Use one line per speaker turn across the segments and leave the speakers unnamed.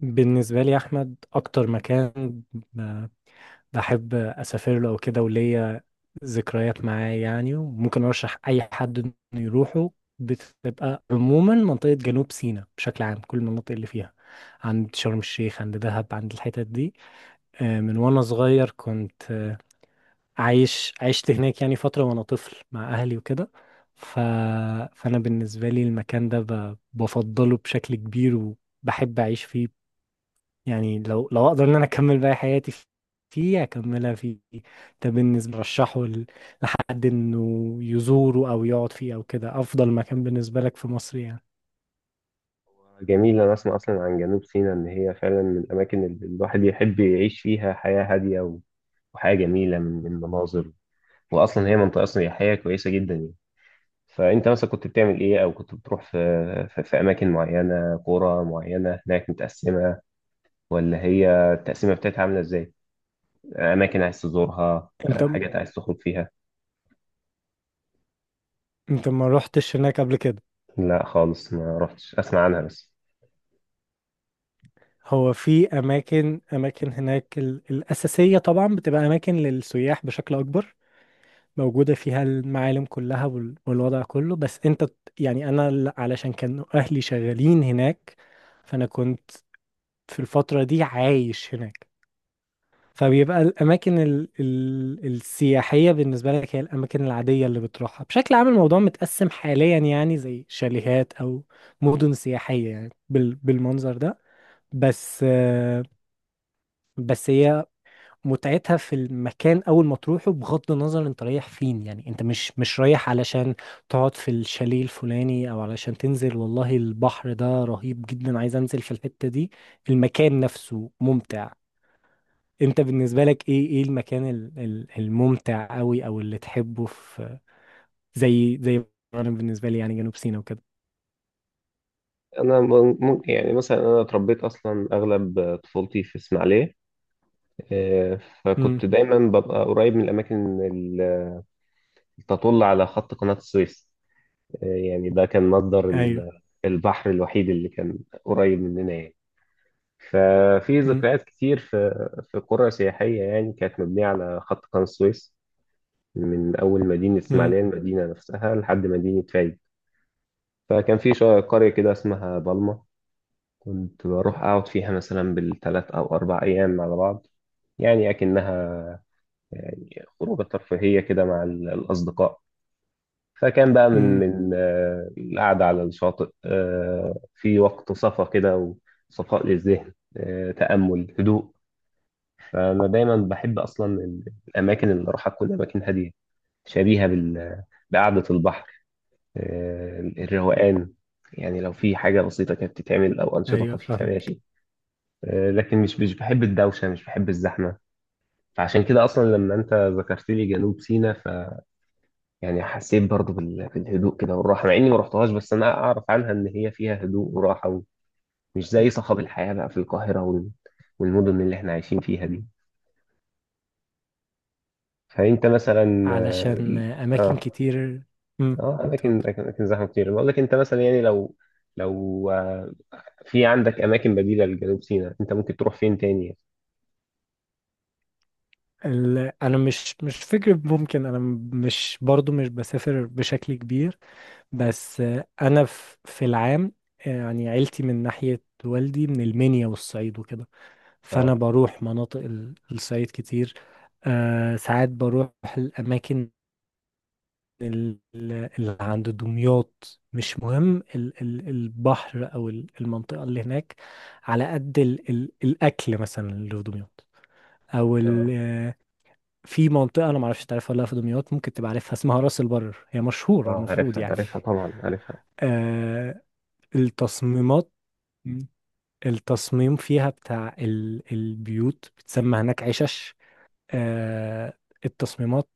بالنسبة لي يا أحمد أكتر مكان بحب أسافر له وكده، وليا ذكريات معاه، يعني وممكن أرشح أي حد إنه يروحه. بتبقى عموما منطقة جنوب سيناء بشكل عام، كل المناطق اللي فيها، عند شرم الشيخ، عند دهب، عند الحتت دي. من وأنا صغير كنت، عشت هناك يعني فترة وأنا طفل مع أهلي وكده. ف... فأنا بالنسبة لي المكان ده بفضله بشكل كبير وبحب أعيش فيه. يعني لو اقدر ان انا اكمل باقي حياتي فيه، اكملها فيه. ده بالنسبه رشحه لحد انه يزوره او يقعد فيه او كده، افضل مكان بالنسبه لك في مصر يعني.
جميل، أنا أسمع أصلا عن جنوب سيناء إن هي فعلا من الأماكن اللي الواحد يحب يعيش فيها حياة هادية وحياة جميلة من مناظر. وأصلا هي منطقة سياحية كويسة جدا يعني. فأنت مثلا كنت بتعمل إيه؟ أو كنت بتروح في في أماكن معينة، قرى معينة هناك متقسمة، ولا هي التقسيمة بتاعتها عاملة إزاي؟ أماكن عايز تزورها؟
انت م-
حاجات عايز تخرج فيها؟
انت ما روحتش هناك قبل كده؟
لا خالص، ما رحتش، أسمع عنها بس.
هو في اماكن هناك، الاساسيه طبعا بتبقى اماكن للسياح بشكل اكبر، موجوده فيها المعالم كلها والوضع كله، بس يعني علشان كانوا اهلي شغالين هناك، فانا كنت في الفتره دي عايش هناك. فبيبقى الأماكن ال السياحية بالنسبة لك هي الأماكن العادية اللي بتروحها. بشكل عام الموضوع متقسم حاليا، يعني زي شاليهات أو مدن سياحية، يعني بالمنظر ده. بس آه، بس هي متعتها في المكان أول ما تروحه، بغض النظر أنت رايح فين، يعني أنت مش رايح علشان تقعد في الشاليه الفلاني، أو علشان تنزل والله البحر ده رهيب جدا عايز أنزل في الحتة دي. المكان نفسه ممتع. انت بالنسبة لك ايه المكان الممتع قوي او اللي تحبه، زي انا بالنسبة لي يعني جنوب سيناء وكده؟
أنا ممكن يعني مثلا، أنا اتربيت أصلا أغلب طفولتي في إسماعيلية.
امم.
فكنت دايما ببقى قريب من الأماكن اللي تطل على خط قناة السويس. يعني ده كان مصدر
ايوه.
البحر الوحيد اللي كان قريب مننا يعني. ففي
امم.
ذكريات كتير في في قرى سياحية يعني كانت مبنية على خط قناة السويس، من أول مدينة
امم.
إسماعيلية، المدينة نفسها، لحد مدينة فايد. فكان في قرية كده اسمها بالما، كنت بروح أقعد فيها مثلا بالثلاث أو أربع أيام على بعض، يعني أكنها يعني خروجة ترفيهية كده مع الأصدقاء. فكان بقى من
امم.
القعدة على الشاطئ، في وقت صفا كده وصفاء للذهن، تأمل، هدوء. فأنا دايما بحب أصلا الأماكن اللي أروحها تكون أماكن هادية، شبيهة بقعدة البحر، الروقان. يعني لو في حاجة بسيطة كانت بتتعمل أو أنشطة
ايوه
خفيفة
فاهمك.
ماشي. لكن مش بحب الدوشة، مش بحب الزحمة. فعشان كده أصلا لما أنت ذكرت لي جنوب سيناء، يعني حسيت برضو بالهدوء كده والراحة، مع إني ما رحتهاش، بس أنا أعرف عنها إن هي فيها هدوء وراحة، ومش زي صخب الحياة بقى في القاهرة والمدن اللي إحنا عايشين فيها دي. فأنت مثلا
علشان اماكن
آه
كتير. امم.
آه، أماكن
اتفضل.
أماكن أماكن زحمة كتير، بقول لك أنت مثلا يعني لو في عندك أماكن بديلة لجنوب سيناء، أنت ممكن تروح فين تاني؟
انا مش فكرة ممكن، مش برضو مش بسافر بشكل كبير. بس انا في العام، يعني عيلتي من ناحية والدي من المنيا والصعيد وكده، فانا
آه
بروح مناطق الصعيد كتير. ساعات بروح الاماكن اللي عند دمياط، مش مهم البحر او المنطقه اللي هناك، على قد الاكل مثلا اللي في دمياط، او
آه
في منطقه انا معرفش تعرفها ولا لأ في دمياط، ممكن تبقى عارفها، اسمها راس البر، هي مشهوره
آه
المفروض
عارفها،
يعني.
عارفها طبعا عارفها.
آه التصميمات، التصميم فيها بتاع البيوت بتسمى هناك عشش. آه، التصميمات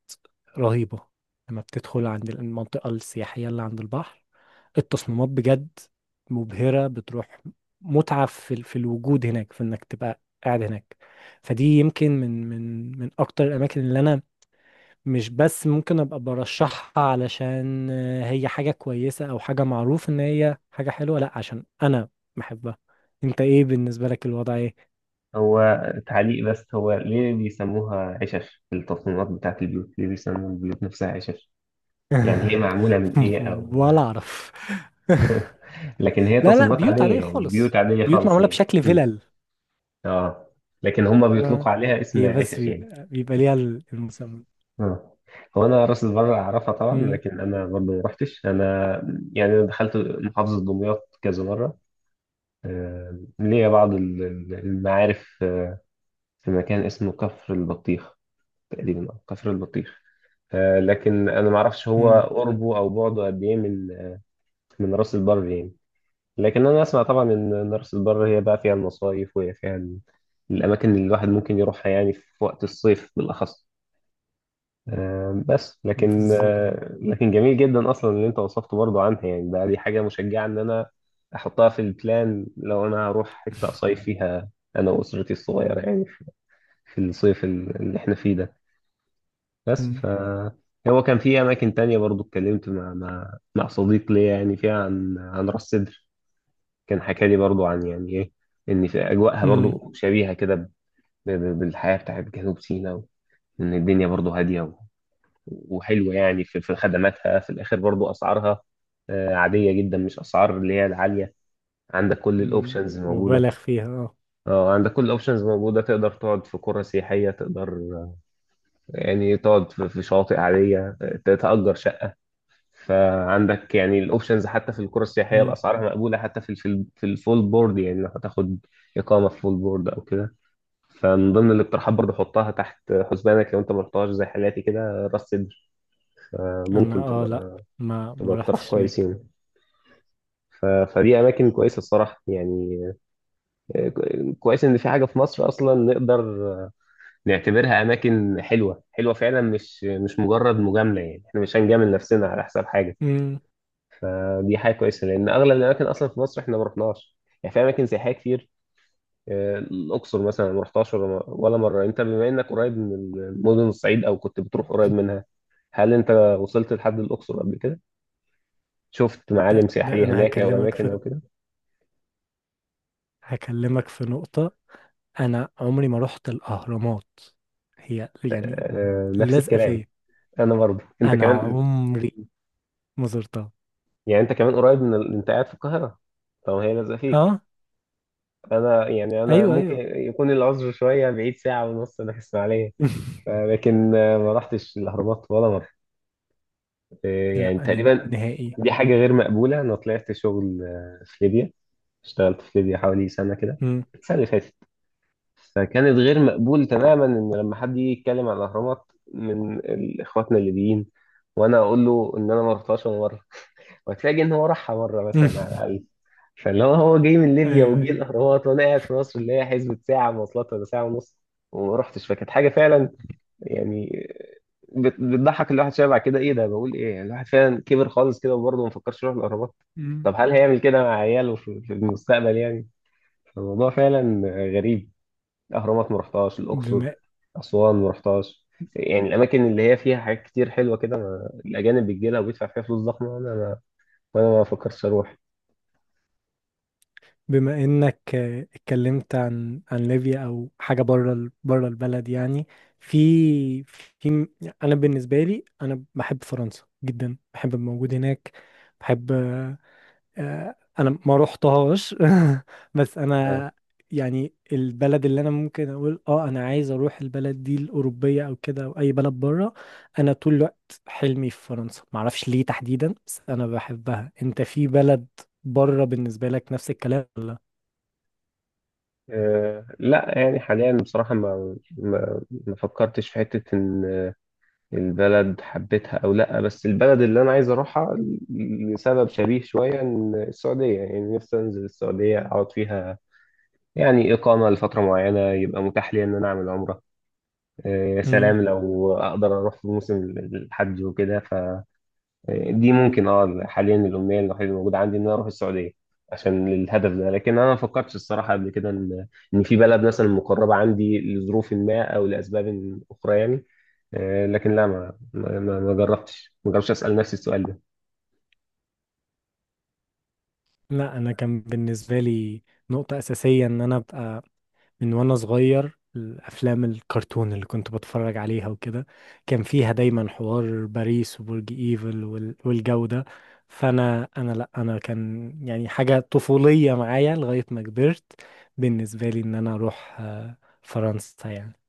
رهيبة، لما بتدخل عند المنطقة السياحية اللي عند البحر التصميمات بجد مبهرة، بتروح متعة في الوجود هناك، في انك تبقى قاعد هناك. فدي يمكن من اكتر الاماكن اللي انا، مش بس ممكن ابقى برشحها علشان هي حاجة كويسة او حاجة معروف ان هي حاجة حلوة، لا عشان انا بحبها. انت ايه بالنسبة لك الوضع ايه؟
هو تعليق بس، هو ليه بيسموها عشش في التصميمات بتاعت البيوت؟ ليه بيسموا البيوت نفسها عشش؟ يعني هي معمولة من إيه؟ أو
ولا اعرف.
لكن هي
لا، لا،
تصميمات
بيوت
عادية
عادية
يعني، بيوت
خالص،
عادية
بيوت
خالص
معمولة
يعني.
بشكل فيلل.
آه، لكن هم
آه.
بيطلقوا عليها اسم
هي بس
عشش يعني.
بيبقى ليها المسمى.
آه. هو أنا راس البر أعرفها طبعا،
مم،
لكن أنا برضه ما رحتش أنا، يعني دخلت محافظة دمياط كذا مرة. آه، ليا بعض المعارف. في مكان اسمه كفر البطيخ تقريبا، أو كفر البطيخ. آه، لكن أنا ما أعرفش هو
مم،
قربه أو بعده قد إيه من من راس البر يعني. لكن انا اسمع طبعا ان مرسى البر هي بقى فيها المصايف، وهي فيها الاماكن اللي الواحد ممكن يروحها يعني في وقت الصيف بالاخص. آه، بس لكن،
بالظبط.
لكن جميل جدا اصلا اللي انت وصفته برضه عنها يعني. دي حاجه مشجعه ان انا احطها في البلان لو انا هروح حته اصيف فيها انا واسرتي الصغيره، يعني في في الصيف اللي احنا فيه ده. بس
مم،
ف هو كان في اماكن تانية برضه، اتكلمت مع مع صديق ليا يعني فيها عن راس سدر. كان حكى لي برضو عن، يعني ايه، ان في اجواءها
مم،
برضو شبيهه كده بالحياه بتاعت جنوب سيناء، وان الدنيا برضو هاديه وحلوه يعني في في خدماتها، في الاخر برضو اسعارها، عاديه جدا، مش اسعار اللي هي العاليه. عندك كل
مم،
الاوبشنز
مبالغ
موجوده.
فيها اه.
اه، عندك كل الاوبشنز موجوده، تقدر تقعد في قرى سياحيه، تقدر، يعني تقعد في في شواطئ عاديه، تتأجر شقه. فعندك يعني الاوبشنز، حتى في القرى السياحيه
مم.
الاسعار مقبوله، حتى في في في الفول بورد، يعني لو هتاخد اقامه في فول بورد او كده. فمن ضمن الاقتراحات برضه، حطها تحت حسبانك لو انت ما رحتهاش زي حالاتي كده، راس سدر
انا
ممكن
لا، ما
تبقى اقتراح
رحتش
كويس
هناك.
يعني. فدي اماكن كويسه الصراحه يعني. آه، كويس ان في حاجه في مصر اصلا نقدر نعتبرها اماكن حلوه، حلوه فعلا، مش مش مجرد مجامله، يعني احنا مش هنجامل نفسنا على حساب حاجه.
مم،
دي حاجه كويسه، لان اغلب الاماكن اصلا في مصر احنا ما رحناش، يعني في اماكن سياحيه كتير. الاقصر مثلا ما رحتهاش ولا مره. انت بما انك قريب من مدن الصعيد، او كنت بتروح قريب منها، هل انت وصلت لحد الاقصر قبل كده؟ شفت
ده
معالم
ده
سياحيه
انا
هناك او اماكن او كده؟
هكلمك في نقطة. انا عمري ما رحت الاهرامات، هي يعني
آه، نفس
لازقة
الكلام.
فيا.
انا برضه، انت
انا
كمان
عمري ما زرتها.
يعني، انت كمان قريب من انت قاعد في القاهره، طب هي لازقه فيك.
اه،
انا يعني، انا
ايوه،
ممكن
ايوه.
يكون العذر شويه بعيد، ساعه ونص انا في اسماعيليه. لكن ما رحتش الاهرامات ولا مره. آه، يعني
لا انا
تقريبا
نهائي.
دي حاجة غير مقبولة. أنا طلعت شغل في ليبيا، اشتغلت في ليبيا حوالي سنة كده،
مم.
السنة اللي فاتت. فكانت غير مقبول تماما إن لما حد يجي يتكلم عن الأهرامات من إخواتنا الليبيين، وأنا أقول له إن أنا ما رحتهاش ولا مرة، وتلاقي إن هو راحها مرة
مم.
مثلا على الأقل. فاللي هو جاي من
ايوه،
ليبيا وجه
أيوة.
الأهرامات، وأنا قاعد في مصر اللي هي حسبة ساعة مواصلات ولا ساعة ونص وما رحتش. فكانت حاجة فعلا يعني بتضحك الواحد شويه بعد كده. ايه ده؟ بقول ايه؟ يعني الواحد فعلا كبر خالص كده، وبرضه ما فكرش يروح الاهرامات.
مم.
طب هل هيعمل كده مع عياله في في المستقبل يعني؟ الموضوع فعلا غريب. الاهرامات ما رحتهاش، الاقصر،
بما
اسوان ما رحتهاش، يعني الاماكن اللي هي فيها حاجات كتير حلوه كده، الاجانب بتجي لها وبيدفع فيها فلوس ضخمه، وانا ما فكرتش اروح.
انك اتكلمت عن ليبيا او حاجه بره بره البلد يعني، في في م- انا بالنسبه لي انا بحب فرنسا جدا، بحب الموجود هناك. بحب انا ما روحتهاش. بس
آه.
انا يعني البلد اللي انا ممكن اقول انا عايز اروح البلد دي الاوروبيه او كده، او اي بلد بره، انا طول الوقت حلمي في فرنسا، ما اعرفش ليه تحديدا بس انا بحبها. انت في بلد بره بالنسبه لك نفس الكلام ولا؟
آه، لا يعني حاليا بصراحه، ما فكرتش في حته ان البلد حبيتها او لا، بس البلد اللي انا عايز اروحها، لسبب شبيه شويه، ان السعوديه يعني نفسي انزل السعوديه اقعد فيها، يعني اقامه لفتره معينه يبقى متاح لي ان انا اعمل عمره. يا
مم.
سلام لو اقدر اروح في موسم الحج وكده، دي ممكن اه حاليا الامنيه الوحيده اللي موجوده عندي، ان انا اروح السعوديه عشان الهدف ده. لكن انا ما فكرتش الصراحه قبل كده ان في بلد مثلا مقربه عندي لظروف ما او لاسباب اخرى يعني. لكن لا، ما جربتش، اسال نفسي السؤال ده.
لا انا كان بالنسبه لي نقطه اساسيه ان انا ابقى، من وانا صغير الافلام الكرتون اللي كنت بتفرج عليها وكده كان فيها دايما حوار باريس وبرج ايفل والجو ده. فانا لا انا كان يعني حاجة طفولية معايا لغاية ما كبرت بالنسبة لي ان انا اروح فرنسا يعني